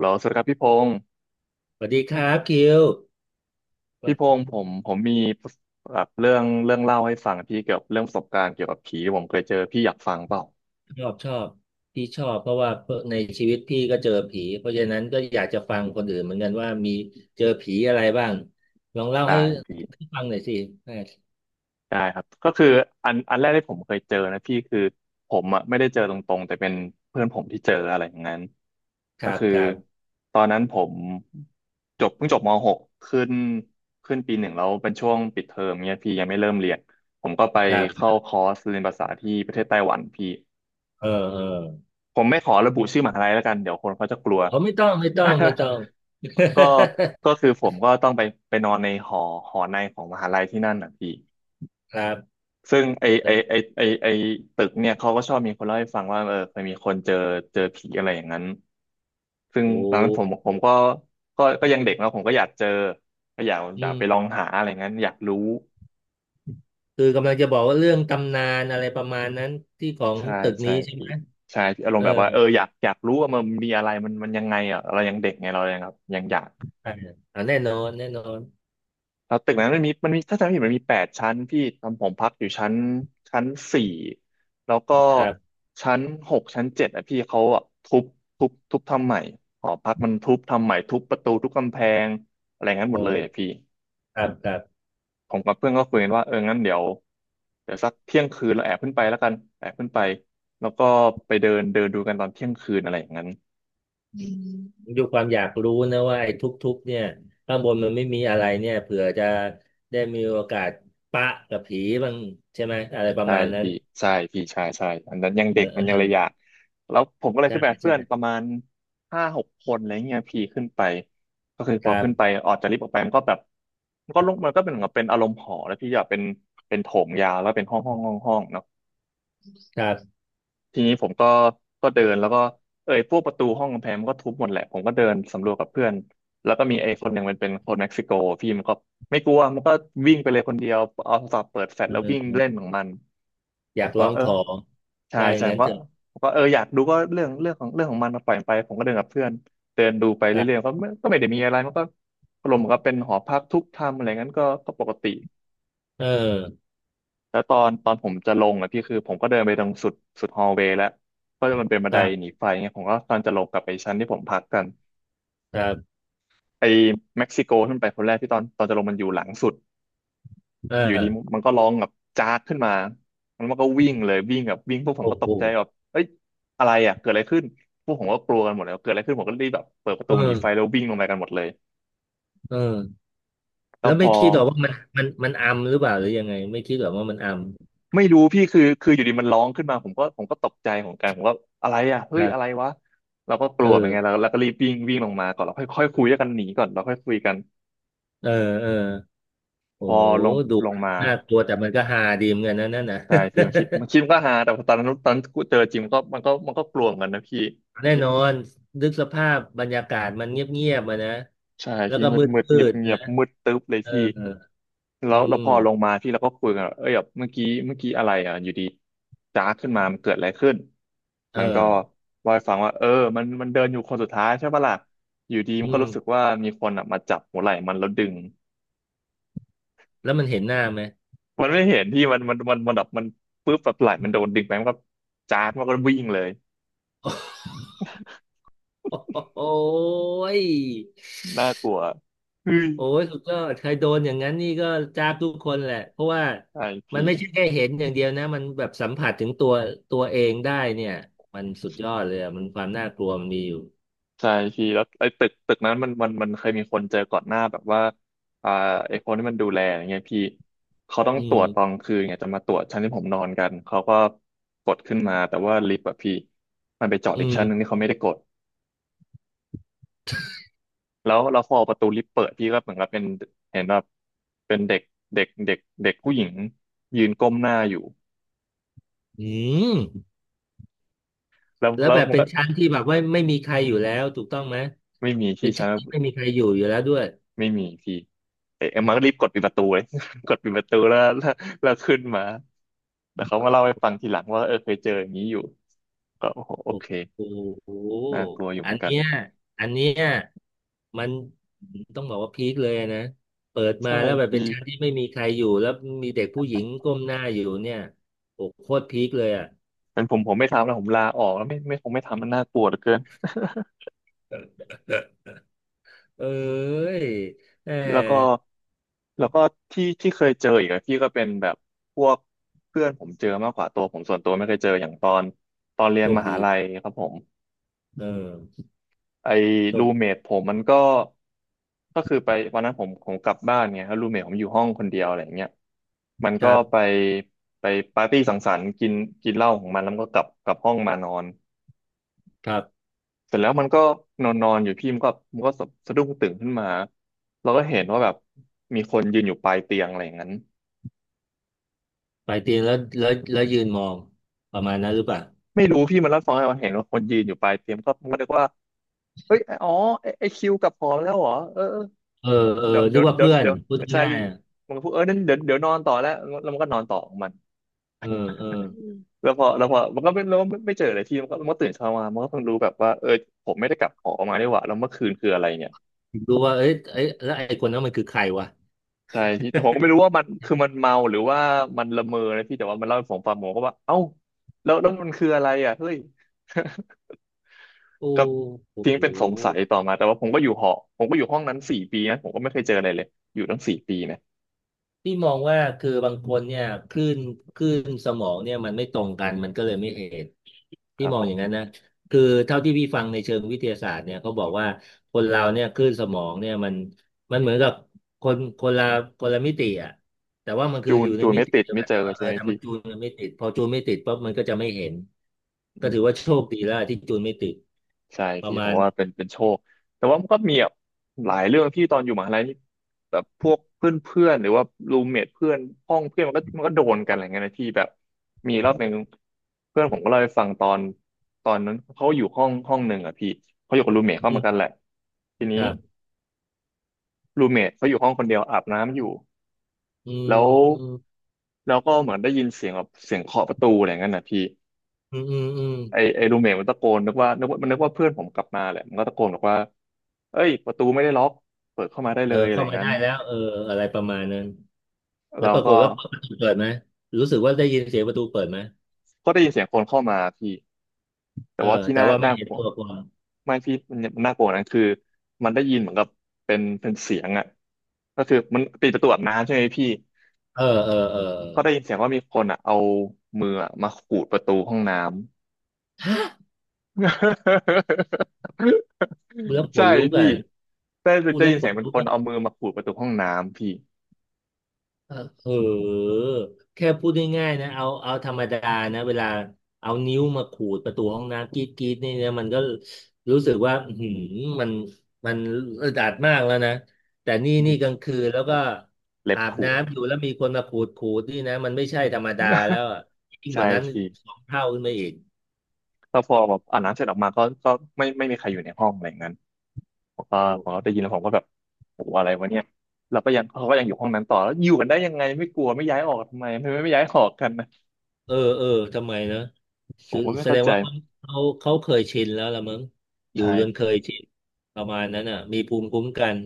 แล้วสวัสดีครับพี่พงศ์สวัสดีครับคิวพี่พงศ์ผมมีแบบเรื่องเล่าให้ฟังพี่เกี่ยวกับเรื่องประสบการณ์เกี่ยวกับผีที่ผมเคยเจอพี่อยากฟังเปล่าชอบชอบพี่ชอบเพราะว่าในชีวิตพี่ก็เจอผีเพราะฉะนั้นก็อยากจะฟังคนอื่นเหมือนกันว่ามีเจอผีอะไรบ้างลองเล่าได้ให้พี่ฟังหน่อยสิได้ครับก็คืออันแรกที่ผมเคยเจอนะพี่คือผมอ่ะไม่ได้เจอตรงๆแต่เป็นเพื่อนผมที่เจออะไรอย่างนั้นคก็รับคือครับตอนนั้นผมเพิ่งจบมหกขึ้นขึ้นปีหนึ่งแล้วเป็นช่วงปิดเทอมเนี่ยพี่ยังไม่เริ่มเรียนผมก็ไปครัเข้าบคอร์สเรียนภาษาที่ประเทศไต้หวันพี่ เออเออผมไม่ขอระบุชื่อมหาลัยแล้วกันเดี๋ยวคนเขาจะกลัว เขาไม่ต้องไม่ต้องไม่ต้อง ก็ก็คือผมก็ต้องไปนอนในหอในของมหาลัยที่นั่นนะพี่ ครับซึ่งไอไอแล้วไอไอไอตึกเนี่ยเขาก็ชอบมีคนเล่าให้ฟังว่าเออเคยมีคนเจอผีอะไรอย่างนั้นซึ่งโอ้ตอนนั้นผมก็ยังเด็กแล้วผมก็อยากเจอก็อยากอือยากมไปลองหาอะไรงั้นอยากรู้คือกำลังจะบอกว่าเรื่องตำนานอะไรประมาณนั้นที่ของใช่ตึกใช่นี้ใช่พี่ไหมใช่พี่อารมเออณ์แบบว่าเอออยากรู้ว่ามันมีอะไรมันมันยังไงอ่ะเรายังเด็กไงเรายังแบบยังอยาก ใช่อ่ะแน่นอนแน่นอนแล้วตึกนั้นมันมีถ้าจำไม่ผิดมันมี8 ชั้นพี่ทำผมพักอยู่ชั้นสี่แล้วก็ครับชั้นหกชั้นเจ็ดอ่ะพี่เขาอะทุบทำใหม่หอพักมันทุบทำใหม่ทุบประตูทุบกำแพงอะไรงั้นหมโอ้ดเลยอ่ะพี่ครับครับ ผมกับเพื่อนก็คุยกันว่าเอองั้นเดี๋ยวสักเที่ยงคืนเราแอบขึ้นไปแล้วกันแอบขึ้นไปแล้วก็ไปเดินเดินดูกันตอนเที่ยงคืนอะไรอย่างนั้น ดูความอยากรู้นะว่าไอ้ทุกๆเนี่ยข้างบนมันไม่มีอะไรเนี่ยเผื่อจะได้มีโอกาสปะกับผีบ้างใช่ไหมอะไรประใช่มาณนั้นพี่ใช่พี่ใช่ใช่อันนั้นยังเอเด็กอมัเอนยังอระยะแล้วผมก็เลยใช่ขึ้นไปกับใช่เพื่อนประมาณ5-6 คนอะไรเงี้ยพี่ขึ้นไปก็คือพคอรัขึ้นไปบออกจากลิฟต์ออกไปมันก็แบบมันก็ลงมันก็เป็นเหมือนกับเป็นอารมณ์หอแล้วพี่อยากเป็นเป็นโถงยาวแล้วเป็นห้องห้องห้องห้องเนาะครับทีนี้ผมก็เดินแล้วก็เอ้ยพวกประตูห้องกำแพงมันก็ทุบหมดแหละผมก็เดินสำรวจกับเพื่อนแล้วก็มีไอ้คนหนึ่งมันเป็นคนเม็กซิโกพี่มันก็ไม่กลัวมันก็วิ่งไปเลยคนเดียวเอาโทรศัพท์เปิดแฟลชเออแล้วเอวิ่งเล่นอของมันอผยามกก็ลองเออ ของใช่ว่าอย่าใช่งผนั้นมเถก็อะผมก็เอออยากดูก็เรื่องเรื่องของเรื่องของมันปล่อยมันไปผมก็เดินกับเพื่อนเดินดูไปคเรื่อยรับๆก็ไม่ได้มีอะไรมันก็อารมณ์เหมือนก็เป็นหอพักทุกทำอะไรงั้นก็ก็ปกติเออแล้วตอนผมจะลงอ่ะพี่คือผมก็เดินไปตรงสุดฮอลเวย์แล้วเพราะมันเป็นบันคไดรัหนีบไฟเงี้ยผมก็ตอนจะลงกลับไปชั้นที่ผมพักกันครับไอ้เม็กซิโกขึ้นไปคนแรกที่ตอนจะลงมันอยู่หลังสุด เอยู่ดีออมันก็ร้องแบบจากขึ้นมาแล้วมันก็วิ่งเลยวิ่งแบบวิ่งพวกผมโอ้ก็ตโหกใจแบบเอ้ยอะไรอ่ะเกิดอะไรขึ้นพวกผมก็กลัวกันหมดเลยเกิดอะไรขึ้นผมก็รีบแบบเปิดประเอตูหนีอไฟแล้ววิ่งลงไปกันหมดเลยเออแล้แล้ววพไม่อคิดหรอกว่ามันอัมหรือเปล่าหรือยังไงไม่คิดหรอกว่ามันอัมไม่รู้พี่คือคืออยู่ดีมันร้องขึ้นมาผมก็ตกใจเหมือนกันผมก็อะไรอ่ะเฮ้คยรัอะไรบวะเราก็กเอลัวเหมืออนกันแล้วก็รีบวิ่งวิ่งลงมาก่อนแล้วค่อยค่อยคุยกันหนีก่อนแล้วค่อยคุยกันเออเออ โอ้พอลงดูลงมาน่ากลัวแต่มันก็ฮาดีเหมือนกันนะนั่นนะ ใช่พี่มันคิด มันคิดมันก็ฮาแต่พอตอนนั้นตอนเจอจริงมันก็กลัวเหมือนกันนะพี่ แน่นอนนึกสภาพบรรยากาศมันเงียบๆมานะ ใช่แล้วพี่ก็มืมดมืดืเงียบดๆเงีนะยบมืดตึ๊บเลยเออพี่แล้อืวแล้วพอลงมมาพี่เราก็คุยกันว่าเอ้ยแบบเมื่อกี้อะไรอ่ะอยู่ดีจ้าขึ้นมามันเกิดอะไรขึ้นเอมันก็อว่าให้ฟังว่าเออมันเดินอยู่คนสุดท้ายใช่ปะล่ะอยู่ดีมัอืนก็มรู้สึกว่ามีคนอ่ะมาจับหัวไหล่มันแล้วดึงแล้วมันเห็นหน้าไหม มันไม่เห็นที่มันแบบมันปึ๊บแบบไหล่มันโดนดึงไปมันก็จ้าดมันก็วิ่งเลย โอ้ยน่ากลัวเฮ้ยโอ้ยสุดยอดใครโดนอย่างนั้นนี่ก็จ้าบทุกคนแหละ เพราะว่าไอมันพี่ ไม่ใช่แค่เห็นอย่างเดียวนะ มันแบบสัมผัสถึงตัวเองได้เนี่ย มันสุดยอดเลยอะมันความน่ากลัวมันมีอยู่ใช่พี่แล้วไอ้ตึกนั้นมันเคยมีคนเจอก่อนหน้าแบบว่าอ่าไอ้คนที่มันดูแลอย่างเงี้ยพี่เขาต้องอืตรวจมตอนคืนเนี่ยจะมาตรวจชั้นที่ผมนอนกันเขาก็กดขึ้นมาแต่ว่าลิฟต์อะพี่มันไปจอดอือีกชั้นหนึ่งม ที่เขาไม่ได้กดแล้วเราพอประตูลิฟต์เปิดพี่ก็เหมือนกับเป็นเห็นแบบเป็นเด็กเด็กเด็กเด็กผู้หญิงยืนก้มหน้าอยู่อืมแล้วแล้วแล้วแบบมันเป็นก็ชั้นที่แบบว่าไม่มีใครอยู่แล้วถูกต้องไหมไม่มีเป็ที่นชั้ชั้น นที่ไม่มีใครอยู่อยู่แล้วด้วยไม่มีพี่เอ๊ะมันก็รีบกดปิดประตูเลย กดปิดประตูแล้วขึ้นมาแต่เขามาเล่าให้ฟังทีหลังว่าเออเคยเจออย่างนี้อยู่ก็โอ้โหโโอเคอ้โหน่ากลัวอยู่เหอัมือนนกันเนี้ยอันเนี้ยมันต้องบอกว่าพีคเลยนะเปิดมาใช่แล้วแบบเป็พี่นชั้นที่ไม่มีใครอยู่แล้วมีเด็กผู้หญิงก้มหน้าอยู่เนี่ยโอ้โคตรพีคเลยอ่ะ เป็นผมไม่ทำแล้วผมลาออกแล้วไม่คงไม่ทำมันน่ากลัวเหลือเกิน เอ้ยแห แล้วก็มแล้วก็ที่เคยเจออีกอะพี่ก็เป็นแบบพวกเพื่อนผมเจอมากกว่าตัวผมส่วนตัวไม่เคยเจออย่างตอนเรียโชนคมหาดีลัยครับผม เออไอ้โชรูคเมทผมมันก็ก็คือไปวันนั้นผมกลับบ้านไงแล้วรูเมทผมอยู่ห้องคนเดียวอะไรอย่างเงี้ยมันคก็รัไปบไปปาร์ตี้สังสรรค์กินกินเหล้าของมันแล้วมันก็กลับห้องมานอนครับเสร็จแล้วมันก็นอนนอนอยู่พี่มันก็สะดุ้งตื่นขึ้นมาเราก็เห็นว่าแบบมีคนยืนอยู่ปลายเตียงอะไรอย่างนั้นไปเตียงแล้วยืนมองประมาณนั้นหรือเปล่า ไม่รู้พี่มันรับฟังให้เราเห็นว่าคนยืนอยู่ปลายเตียงก็มันก็นึกว่าเฮ้ยอ๋อไอ้คิวกลับหอแล้วเหรอเออ เออเออเดี๋ยวเดี๋นึยกวว่าเดี๋ยวเพื่อนเดี๋ยวพูดใช่ง่ายๆอะมันก็พูดเออนั่นเดี๋ยวนอนต่อแล้วแล้วมันก็นอนต่อของมันเออเออแล้วพอมันก็ไม่แล้วไม่เจออะไรที่มันก็ตื่นเช้ามามันก็ต้อ่งรู้แบบว่าเออผมไม่ได้กลับหอมานี่หว่าแล้วเมื่อคืนคืออะไรเนี่ยรู้ว่าเอ้ยเอ้ยแล้วไอ้คนนั้นมันคือใครวะ ใช่พี่แต่ผมก็ไม่รู้ว่ามันคือมันเมาหรือว่ามันละเมอนะพี่แต่ว่ามันเล่าให้ผมฟังผมก็ว่าเอ้าแล้วมันคืออะไรอ่ะเฮ้ย โอ้ ก็ทิ้โห งเป็นสงสัยต่อมาแต่ว่าผมก็อยู่หอผมก็อยู่ห้องนั้นสี่ปีนะผมก็ไม่เคยเจออะไรเลยอยู่ตั้งสี่ปีนะพี่มองว่าคือบางคนเนี่ยคลื่นคลื่นสมองเนี่ยมันไม่ตรงกันมันก็เลยไม่เห็นคพี่รับมอผงอมย่างนั้นนะคือเท่าที่พี่ฟังในเชิงวิทยาศาสตร์เนี่ยเขาบอกว่าคนเราเนี่ยคลื่นสมองเนี่ยมันเหมือนกับคนคนละคนละมิติอ่ะแต่ว่ามันคือจูอนยู่ในจูนมิไม่ติติดเดียวไม่กันเจแต่อว่าเอใช่อไหมถ้ามัพี่ นจูนกันไม่ติดพอจูนไม่ติดปุ๊บมันก็จะไม่เห็นก็ถือว่าโชคดีแล้วที่จูนไม่ติดใช่ประพี่มาผมณว่าเป็นโชคแต่ว่ามันก็มีแบบหลายเรื่องที่ตอนอยู่มหาลัยนี่แบบพวกเพื่อนเพื่อนหรือว่ารูมเมทเพื่อนห้องเพื่อนมันก็โดนกันอะไรเงี้ยนะพี่แบบมีรอบหนึ่งเพื่อนผมก็เล่าให้ฟังตอนตอนนั้นเขาอยู่ห้องหนึ่งอ่ะพี่เขาอยู่กับรูมเมทเข้าอืมากันแหมละทีนี้ครับรูมเมทเขาอยู่ห้องคนเดียวอาบน้ำอยู่อืมแล้วอืมแล้วก็เหมือนได้ยินเสียงแบบเสียงเคาะประตูอะไรเงี้ยนะพี่อืมอืมอืมไอรูเมทมันตะโกนนึกว่าเพื่อนผมกลับมาแหละมันก็ตะโกนบอกว่า เอ้ยประตูไม่ได้ล็อกเปิดเข้ามาได้เอเลอยอะไรเข้าอย่างมานั้ได้นแล้วเอออะไรประมาณนั้น แล้วเราปรากก็ฏว่าประตูเปิดไหมรู้สึกว่าได้ยินเสียงประตูเปิดไหมก็ได้ยินเสียงคนเข้ามาพี่แต่เออว่าที่แต่น่าว่าไม่น่าเห็กนลัวตัวคนไม่พี่มันน่ากลัวกว่านั้นคือมันได้ยินเหมือนกับเป็นเสียงอ่ะก็คือมันปิดประตูอาบน้ำใช่ไหมพี่เออเออเออก็ได้ยินเสียงว่ามีคนอ่ะเอามืออะมาขูดประตูห้องน้ำ พูดแล้ว ขใช่นลุกพี่อ่ะได้พูดได้แล้วยินขเสียนงเป็นลุกคนอ่ะเอามือมาขูดประตูห้องน้ำพี่เออเออแค่พูดง่ายๆนะเอาธรรมดานะเวลาเอานิ้วมาขูดประตูห้องน้ำกรีดกรีดนี่นะมันก็รู้สึกว่าอื้อหืมมันมันอึดอัดมากแล้วนะแต่นี่ดินี่กลางคืนแล้วแบก็บเล็บอาบขูด น้ำอยู่แล้วมีคนมาขูดขูดนี่นะมันไม่ใช่ธรรมดาแล้ว อะยิ่งกใช่ว่านั้นพี่ สองเท่าขึ้นไปอีกแล้วพอแบบอาบน้ำเสร็จออกมาก็ก็ไม่มีใครอยู่ในห้องอะไรอย่างนั้นผมก็โอ้ ผมก็ได้ยินแล้วผมก็แบบโอ้โหอะไรวะเนี่ยเราก็ยังเขาก็ยังอยู่ห้องนั้นต่อแล้วอยู่กันได้ยังไงไม่กลัวไม่ย้ายออกทำไมไม่ย้ายออกกันนะเออเออทำไมนะผแสมก็ไม่แสเข้าดงใจว่าเขาเคยชินแล้วละมั้งอยู่ใช่จนเคยชินประมาณนั้นอ่ะมีภูมิคุ้มกัน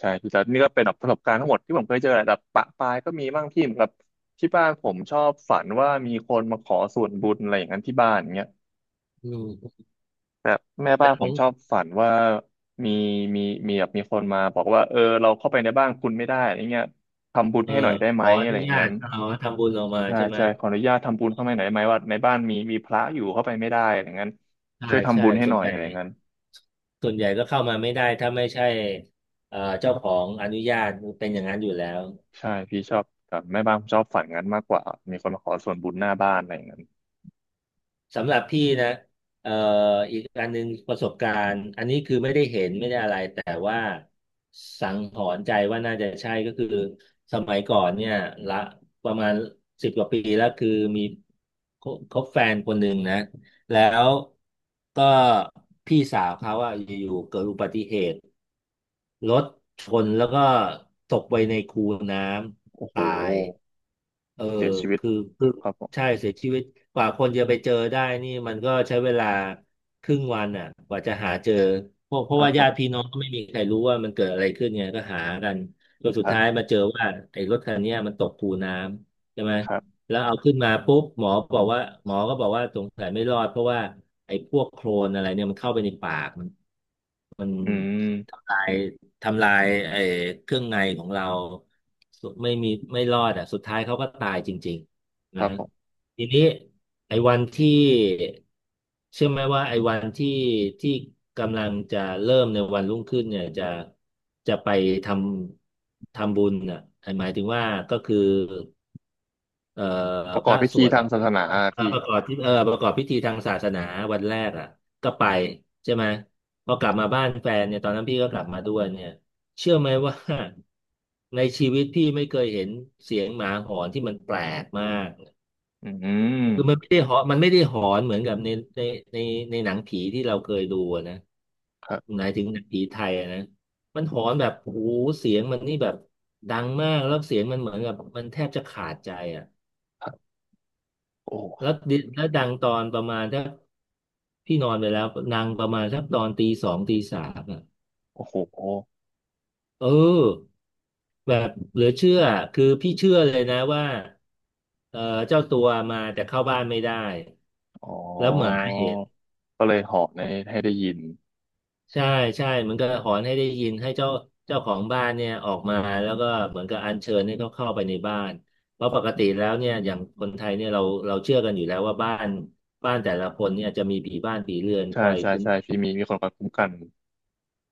ใช่แต่นี่ก็เป็นแบบประสบการณ์ทั้งหมดที่ผมเคยเจอแหละแต่ปะปายก็มีบ้างที่แบบที่บ้านผมชอบฝันว่ามีคนมาขอส่วนบุญอะไรอย่างนั้นที่บ้านอย่างเงี้ย อืมแบบแม่บ้าแต่นขผอมงชอบฝันว่ามีมีมีคนมาบอกว่าเออเราเข้าไปในบ้านคุณไม่ได้อะไรเงี้ยทำบุญเออให้หน่อยได้ไหขมอออะไรนุอย่างญานั้ตนเอาทำบุญออกมาใช่ใช่ไหมใช่ขออนุญาตทำบุญเข้าไปหน่อยได้ไหมว่าในบ้านมีพระอยู่เข้าไปไม่ได้อะไรอย่างนั้นใช่ช่วยทำใช่บุญให้ส่หวนน่อยใหญ่อะไรอย่างนั้นส่วนใหญ่ก็เข้ามาไม่ได้ถ้าไม่ใช่เจ้าของอนุญาตเป็นอย่างนั้นอยู่แล้ว ใช่พี่ชอบแบบแม่บ้านผมชอบฝันงั้นมากกว่ามีคนมาขอส่วนบุญหน้าบ้านอะไรอย่างนั้นสำหรับพี่นะเอ่ออีกอันหนึ่งประสบการณ์อันนี้คือไม่ได้เห็นไม่ได้อะไรแต่ว่าสังหรณ์ใจว่าน่าจะใช่ก็คือสมัยก่อนเนี่ยละประมาณสิบกว่าปีแล้วคือมีคคบแฟนคนหนึ่งนะแล้วก็พี่สาวเขาอะอยู่ๆเกิดอุบัติเหตุ รถชนแล้วก็ตกไปในคูน้โอ้ำโหตายเออ้เสีหยชีวิตคือครับผมใช่เสียชีวิตกว่าคนจะไปเจอได้นี่มันก็ใช้เวลาครึ่งวันอ่ะกว่าจะหาเจอเพราะเพคราะรับว่าผญามติพี่น้องก็ไม่มีใครรู้ว่ามันเกิดอะไรขึ้นไงก็หากันจนสุคดรัท้ายบมาเจอว่าไอ้รถคันเนี้ยมันตกคูน้ำใช่ไหมครับแล้วเอาขึ้นมาปุ๊บบอกว่าหมอก็บอกว่าสงสัยไม่รอดเพราะว่าไอ้พวกโคลนอะไรเนี่ยมันเข้าไปในปากมัน มันอืมทำลายทำลายไอ้เครื่องในของเราสุดไม่มีไม่รอดอ่ะสุดท้ายเขาก็ตายจริงๆคนะรับฮะผมทีนี้ไอ้วันที่เชื่อไหมว่าไอ้วันที่ที่กำลังจะเริ่มในวันรุ่งขึ้นเนี่ยจะจะไปททำบุญอ่ะหมายถึงว่าก็คือ เอ่อประกพอบระพิสธีวดทางอะศาสนาอะเพี่ประกอบที่ประกอบพิธีทางศาสนาวันแรกอ่ะก็ไปใช่ไหมพอกลับมาบ้านแฟนเนี่ยตอนนั้นพี่ก็กลับมาด้วยเนี่ยเชื่อไหมว่าในชีวิตพี่ไม่เคยเห็นเสียงหมาหอนที่มันแปลกมากอืคือมัมนไม่ได้หอนมันไม่ได้หอนเหมือนกับในในในหนังผีที่เราเคยดูอะนะครับหมายถึงหนังผีไทยอะนะมันหอนแบบโอ้โหเสียงมันนี่แบบดังมากแล้วเสียงมันเหมือนกับมันแทบจะขาดใจอ่ะ ครับแล้วโอ้ ดิแล้วดังตอนประมาณถ้าพี่นอนไปแล้วดังประมาณสักตอนตีสองตีสามอ่ะโอ้โหเออแบบเหลือเชื่อคือพี่เชื่อเลยนะว่าเออเจ้าตัวมาแต่เข้าบ้านไม่ได้อ๋แล้วหมาอเห็นก็เลยเหาะในให้ได้ยิน ใช่ใช่มันก็หอนให้ได้ยินให้เจ้าของบ้านเนี่ยออกมาแล้วก็เหมือนกับอัญเชิญให้เขาเข้าไปในบ้านเพราะปกติแล้วเนี่ยอย่างคนไทยเนี่ยเราเชื่อกันอยู่แล้วว่าบ้านแต่ละคนเนี่ยจะมีผีบ้านผีเรือนคใช่อยใช่คุ้มใช่ครองพี่มีมีคนคอยคุ้มกัน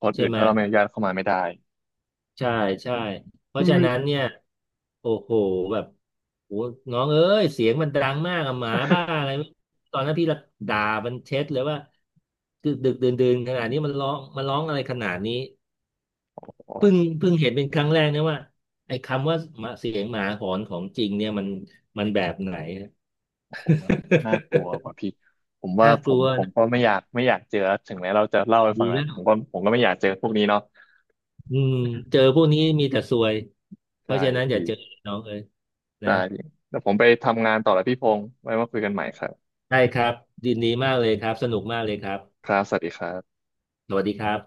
คนใช่อื่นไหม ถ้าเราไม่อนุญาตเข้ามาไม่ได้ใช่ใช่เพราะฉะนั้นเนี่ยโอ้โหแบบโอ้น้องเอ้ยเสียงมันดังมากอะหมาบ้าอะไรไม่ตอนนั้นพี่ละด่ามันเช็ดเลยว่าดึกดึกดื่นดื่นขนาดนี้มันร้องมันร้องอะไรขนาดนี้โอเพิ่ง้เพิ่งเห็นเป็นครั้งแรกนะว่าไอ้คำว่าหมาเสียงหมาหอนของจริงเนี่ยมันมันแบบไหน โอ้โหมันน่ากลัวกว่าพี่ ผมว่าน่าผกลัมวนะก็ไม่อยากเจอ ถึงแม้เราจะเล่าให้ฟัดีงแหละแล้ผวมก็ผมก็ไม่อยากเจอพวกนี้เนาะอืมเจอพวกนี้มีแต่ซวยเพใช่ราะฉะนั้นอย่าพี่เจอน้องเอ้ยนะได้พี่แล้วผมไปทำงานต่อแล้วพี่พงษ์ไว้มาคุยกันใหม่ครับได้ครับดีมากเลยครับสนุกมากเลยครับ ครับสวัสดีครับสวัสดีครับ